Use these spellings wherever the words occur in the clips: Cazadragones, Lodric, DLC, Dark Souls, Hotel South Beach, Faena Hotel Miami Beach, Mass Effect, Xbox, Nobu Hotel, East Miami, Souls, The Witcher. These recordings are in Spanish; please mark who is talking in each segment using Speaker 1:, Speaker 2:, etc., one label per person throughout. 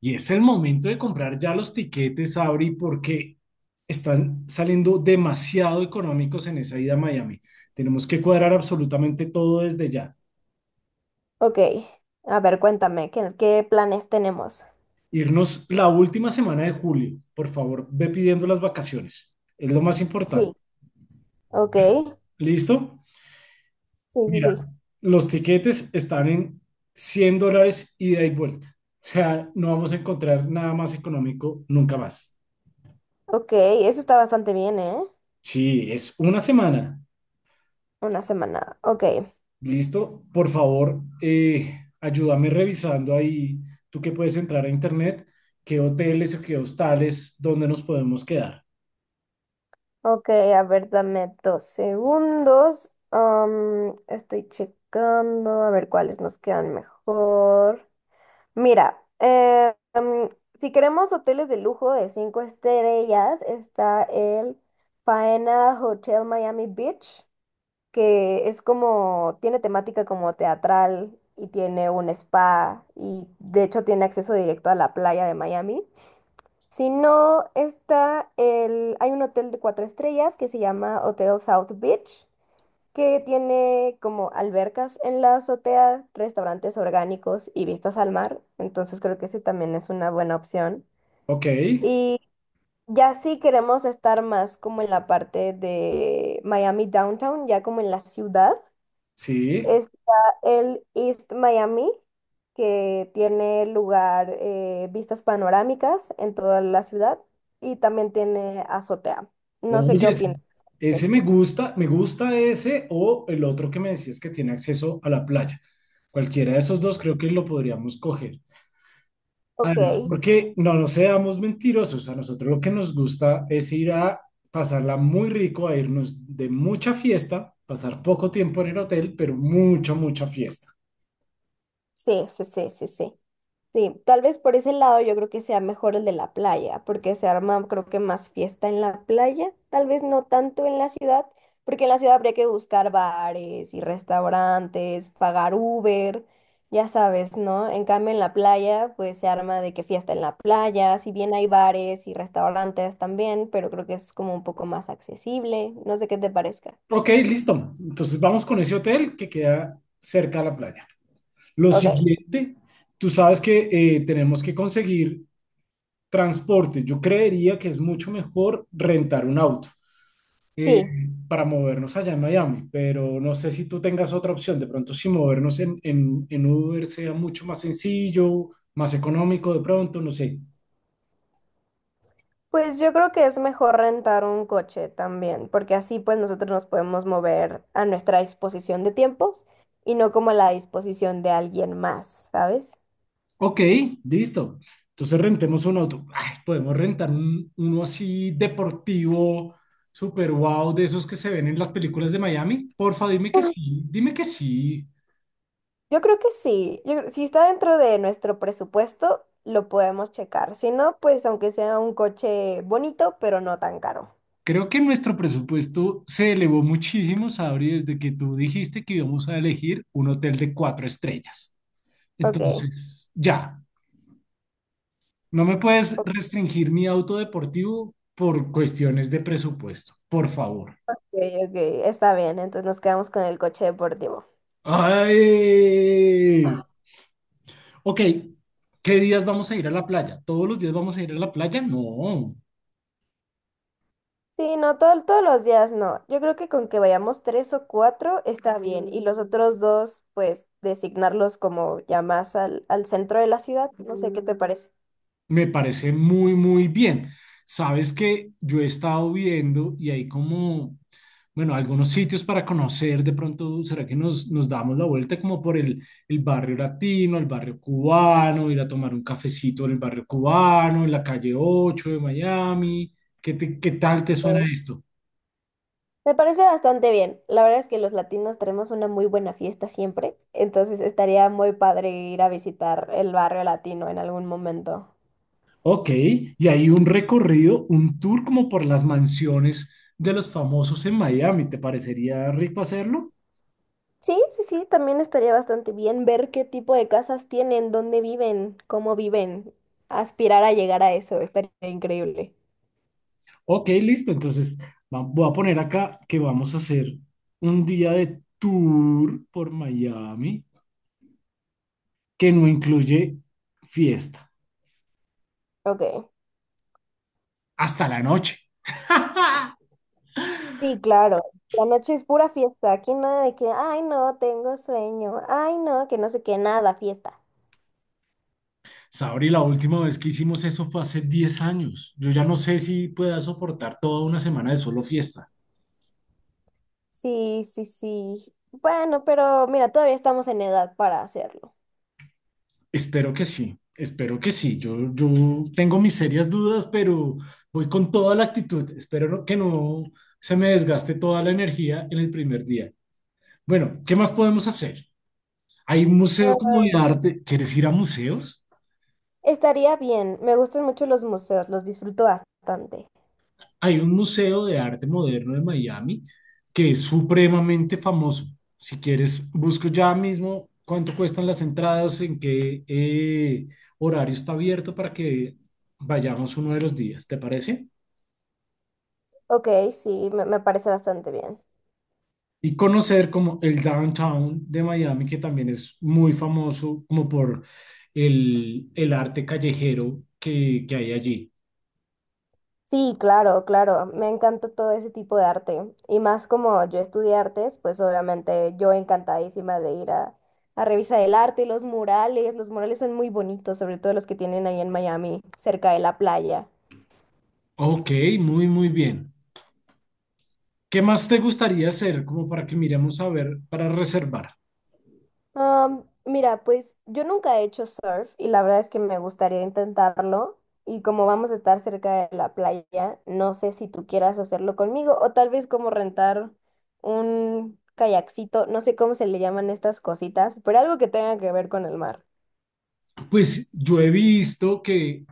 Speaker 1: Y es el momento de comprar ya los tiquetes, Abri, porque están saliendo demasiado económicos en esa ida a Miami. Tenemos que cuadrar absolutamente todo desde ya.
Speaker 2: Ok, a ver, cuéntame, ¿qué planes tenemos?
Speaker 1: Irnos la última semana de julio. Por favor, ve pidiendo las vacaciones. Es lo más importante.
Speaker 2: Sí, ok,
Speaker 1: ¿Listo?
Speaker 2: sí, sí,
Speaker 1: Mira,
Speaker 2: sí.
Speaker 1: los tiquetes están en $100 ida y vuelta. O sea, no vamos a encontrar nada más económico nunca más.
Speaker 2: Ok, eso está bastante bien, ¿eh?
Speaker 1: Sí, es una semana.
Speaker 2: Una semana, ok.
Speaker 1: Listo, por favor, ayúdame revisando ahí, tú que puedes entrar a internet, qué hoteles o qué hostales, dónde nos podemos quedar.
Speaker 2: Ok, a ver, dame 2 segundos. Estoy checando, a ver cuáles nos quedan mejor. Mira, si queremos hoteles de lujo de cinco estrellas, está el Faena Hotel Miami Beach, que es como, tiene temática como teatral y tiene un spa y de hecho tiene acceso directo a la playa de Miami. Si no, hay un hotel de cuatro estrellas que se llama Hotel South Beach, que tiene como albercas en la azotea, restaurantes orgánicos y vistas al mar. Entonces creo que ese también es una buena opción.
Speaker 1: Ok,
Speaker 2: Y ya sí queremos estar más como en la parte de Miami Downtown, ya como en la ciudad.
Speaker 1: sí.
Speaker 2: Está el East Miami, que tiene lugar vistas panorámicas en toda la ciudad y también tiene azotea. No sé qué
Speaker 1: Oye, ese,
Speaker 2: opinas.
Speaker 1: ese me gusta ese o el otro que me decías que tiene acceso a la playa. Cualquiera de esos dos creo que lo podríamos coger.
Speaker 2: Ok,
Speaker 1: Además, porque no nos seamos mentirosos, a nosotros lo que nos gusta es ir a pasarla muy rico, a irnos de mucha fiesta, pasar poco tiempo en el hotel, pero mucha, mucha fiesta.
Speaker 2: sí, sí, sí, sí, sí. Sí, tal vez por ese lado yo creo que sea mejor el de la playa, porque se arma creo que más fiesta en la playa, tal vez no tanto en la ciudad, porque en la ciudad habría que buscar bares y restaurantes, pagar Uber, ya sabes, ¿no? En cambio en la playa pues se arma de que fiesta en la playa, si bien hay bares y restaurantes también, pero creo que es como un poco más accesible, no sé qué te parezca.
Speaker 1: Ok, listo. Entonces vamos con ese hotel que queda cerca a la playa. Lo
Speaker 2: Ok,
Speaker 1: siguiente, tú sabes que tenemos que conseguir transporte. Yo creería que es mucho mejor rentar un auto. eh,
Speaker 2: sí.
Speaker 1: para movernos allá en Miami, pero no sé si tú tengas otra opción. De pronto, si movernos en, en Uber sea mucho más sencillo, más económico, de pronto, no sé.
Speaker 2: Pues yo creo que es mejor rentar un coche también, porque así pues nosotros nos podemos mover a nuestra disposición de tiempos y no como a la disposición de alguien más, ¿sabes?
Speaker 1: Ok, listo. Entonces rentemos un auto. Ay, podemos rentar uno así deportivo, super wow, de esos que se ven en las películas de Miami. Porfa, dime que sí, dime que sí.
Speaker 2: Yo creo que sí. Si está dentro de nuestro presupuesto, lo podemos checar. Si no, pues aunque sea un coche bonito, pero no tan caro.
Speaker 1: Creo que nuestro presupuesto se elevó muchísimo, Sabri, desde que tú dijiste que íbamos a elegir un hotel de cuatro estrellas.
Speaker 2: Ok,
Speaker 1: Entonces, ya, no me puedes
Speaker 2: ok,
Speaker 1: restringir mi auto deportivo por cuestiones de presupuesto, por favor.
Speaker 2: ok, está bien. Entonces nos quedamos con el coche deportivo.
Speaker 1: ¡Ay! Ok, ¿qué días vamos a ir a la playa? ¿Todos los días vamos a ir a la playa? No,
Speaker 2: Sí, no, todos los días no. Yo creo que con que vayamos tres o cuatro está bien. Y los otros dos, pues, designarlos como ya más al centro de la ciudad. No sé qué te parece.
Speaker 1: me parece muy, muy bien. Sabes que yo he estado viendo y hay como bueno, algunos sitios para conocer, de pronto, ¿será que nos damos la vuelta como por el barrio latino, el barrio cubano, ir a tomar un cafecito en el barrio cubano, en la calle 8 de Miami? ¿Qué, qué tal te
Speaker 2: Eh,
Speaker 1: suena esto?
Speaker 2: Me parece bastante bien. La verdad es que los latinos tenemos una muy buena fiesta siempre. Entonces estaría muy padre ir a visitar el barrio latino en algún momento.
Speaker 1: Ok, y hay un recorrido, un tour como por las mansiones de los famosos en Miami. ¿Te parecería rico hacerlo?
Speaker 2: Sí, sí, sí, también estaría bastante bien ver qué tipo de casas tienen, dónde viven, cómo viven. Aspirar a llegar a eso, estaría increíble.
Speaker 1: Ok, listo. Entonces, voy a poner acá que vamos a hacer un día de tour por Miami. Que no incluye fiesta
Speaker 2: Ok.
Speaker 1: hasta la noche.
Speaker 2: Sí, claro. La noche es pura fiesta. Aquí nada de que, ay, no, tengo sueño. Ay, no, que no sé qué, nada, fiesta.
Speaker 1: Sabri, la última vez que hicimos eso fue hace 10 años. Yo ya no sé si pueda soportar toda una semana de solo fiesta.
Speaker 2: Sí, sí, sí. Bueno, pero mira, todavía estamos en edad para hacerlo.
Speaker 1: Espero que sí, espero que sí. Yo tengo mis serias dudas, pero voy con toda la actitud. Espero que no se me desgaste toda la energía en el primer día. Bueno, ¿qué más podemos hacer? Hay un
Speaker 2: Ah,
Speaker 1: museo como de arte. ¿Quieres ir a museos?
Speaker 2: estaría bien. Me gustan mucho los museos, los disfruto bastante.
Speaker 1: Hay un museo de arte moderno de Miami que es supremamente famoso. Si quieres, busco ya mismo cuánto cuestan las entradas, en qué horario está abierto para que vayamos uno de los días, ¿te parece?
Speaker 2: Ok, sí, me parece bastante bien.
Speaker 1: Y conocer como el downtown de Miami, que también es muy famoso como por el arte callejero que hay allí.
Speaker 2: Sí, claro, claro. Me encanta todo ese tipo de arte. Y más como yo estudié artes, pues obviamente yo encantadísima de ir a revisar el arte y los murales. Los murales son muy bonitos, sobre todo los que tienen ahí en Miami, cerca de la playa.
Speaker 1: Ok, muy, muy bien. ¿Qué más te gustaría hacer como para que miremos a ver, para reservar?
Speaker 2: Mira, pues yo nunca he hecho surf y la verdad es que me gustaría intentarlo. Y como vamos a estar cerca de la playa, no sé si tú quieras hacerlo conmigo o tal vez como rentar un kayakcito, no sé cómo se le llaman estas cositas, pero algo que tenga que ver con el mar.
Speaker 1: Pues yo he visto que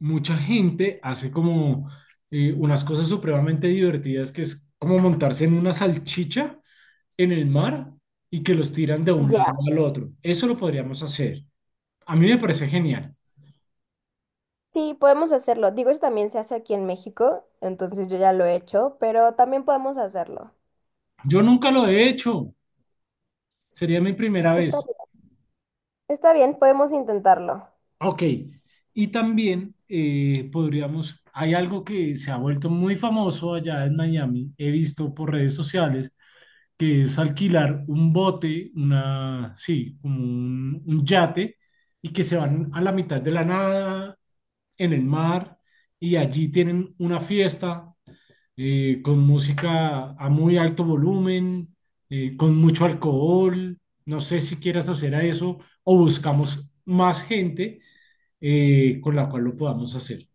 Speaker 1: mucha gente hace como unas cosas supremamente divertidas, que es como montarse en una salchicha en el mar y que los tiran de un lado
Speaker 2: Ya,
Speaker 1: al otro. Eso lo podríamos hacer. A mí me parece genial.
Speaker 2: sí, podemos hacerlo. Digo, eso también se hace aquí en México, entonces yo ya lo he hecho, pero también podemos hacerlo.
Speaker 1: Yo nunca lo he hecho. Sería mi primera
Speaker 2: Está
Speaker 1: vez.
Speaker 2: bien, está bien, podemos intentarlo.
Speaker 1: Ok. Y también podríamos, hay algo que se ha vuelto muy famoso allá en Miami. He visto por redes sociales que es alquilar un bote, una, sí, como un, yate, y que se van a la mitad de la nada, en el mar, y allí tienen una fiesta con música a muy alto volumen, con mucho alcohol. No sé si quieras hacer a eso o buscamos más gente con la cual lo podamos hacer.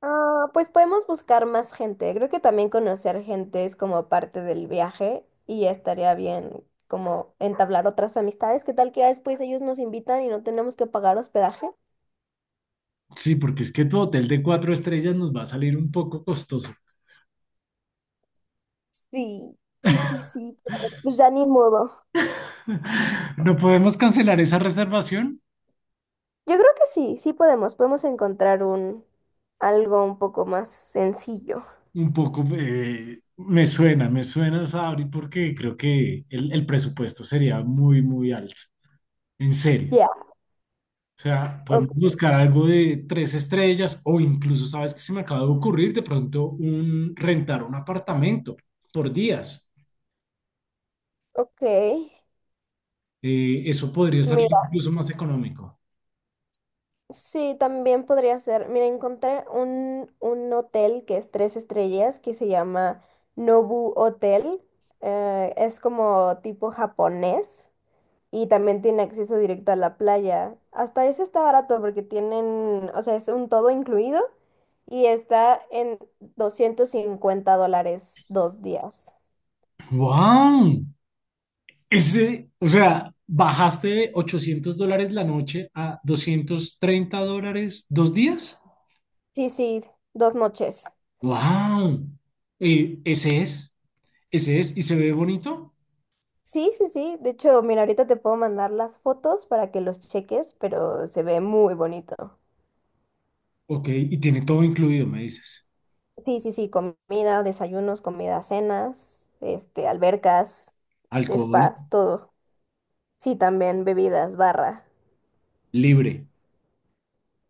Speaker 2: Ah, pues podemos buscar más gente. Creo que también conocer gente es como parte del viaje y estaría bien como entablar otras amistades. ¿Qué tal que ya después ellos nos invitan y no tenemos que pagar hospedaje?
Speaker 1: Sí, porque es que tu hotel de cuatro estrellas nos va a salir un poco costoso.
Speaker 2: Sí, sí, sí, sí. Pues ya ni modo.
Speaker 1: ¿No podemos cancelar esa reservación?
Speaker 2: Yo creo que sí, sí podemos. Podemos encontrar un algo un poco más sencillo.
Speaker 1: Un poco me suena, Sabri, porque creo que el presupuesto sería muy, muy alto, en serio.
Speaker 2: Ya,
Speaker 1: O sea,
Speaker 2: o-
Speaker 1: podemos buscar algo de tres estrellas o incluso, ¿sabes qué se me acaba de ocurrir? De pronto, rentar un apartamento por días.
Speaker 2: ok.
Speaker 1: Eso podría salir incluso más económico.
Speaker 2: Sí, también podría ser. Mira, encontré un hotel que es tres estrellas que se llama Nobu Hotel. Es como tipo japonés y también tiene acceso directo a la playa. Hasta eso está barato porque tienen, o sea, es un todo incluido y está en $250 2 días.
Speaker 1: ¡Wow! Ese, o sea, bajaste de $800 la noche a $230 dos días.
Speaker 2: Sí, sí, 2 noches.
Speaker 1: Wow. Ese es, ese es, y se ve bonito.
Speaker 2: Sí, sí, sí. De hecho, mira, ahorita te puedo mandar las fotos para que los cheques, pero se ve muy bonito.
Speaker 1: Ok, y tiene todo incluido, me dices.
Speaker 2: Sí, sí, sí, comida, desayunos, comida, cenas, este, albercas,
Speaker 1: Alcohol
Speaker 2: spas, todo. Sí, también bebidas, barra.
Speaker 1: libre,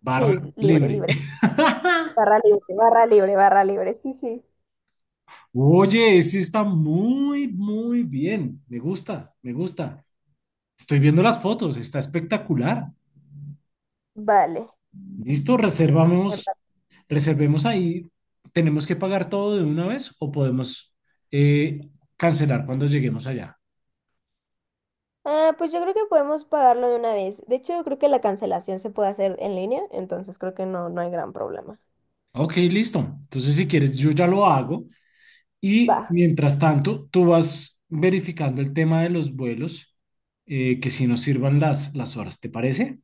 Speaker 1: barra
Speaker 2: Sí, libre,
Speaker 1: libre.
Speaker 2: libre. Barra libre, barra libre, barra libre. Sí, sí.
Speaker 1: Oye, ese está muy, muy bien. Me gusta, me gusta. Estoy viendo las fotos, está espectacular.
Speaker 2: Vale.
Speaker 1: Listo, reservamos, reservemos ahí. ¿Tenemos que pagar todo de una vez o podemos eh, cancelar cuando lleguemos allá?
Speaker 2: Ah, pues yo creo que podemos pagarlo de una vez. De hecho, creo que la cancelación se puede hacer en línea, entonces creo que no, no hay gran problema.
Speaker 1: Ok, listo. Entonces, si quieres, yo ya lo hago. Y
Speaker 2: Va.
Speaker 1: mientras tanto, tú vas verificando el tema de los vuelos, que si nos sirvan las horas, ¿te parece?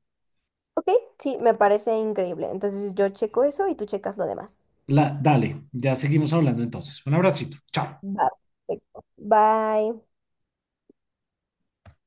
Speaker 2: Ok, sí, me parece increíble. Entonces yo checo eso y tú checas lo demás.
Speaker 1: Dale, ya seguimos hablando entonces. Un abracito, chao.
Speaker 2: Va. Perfecto. Bye.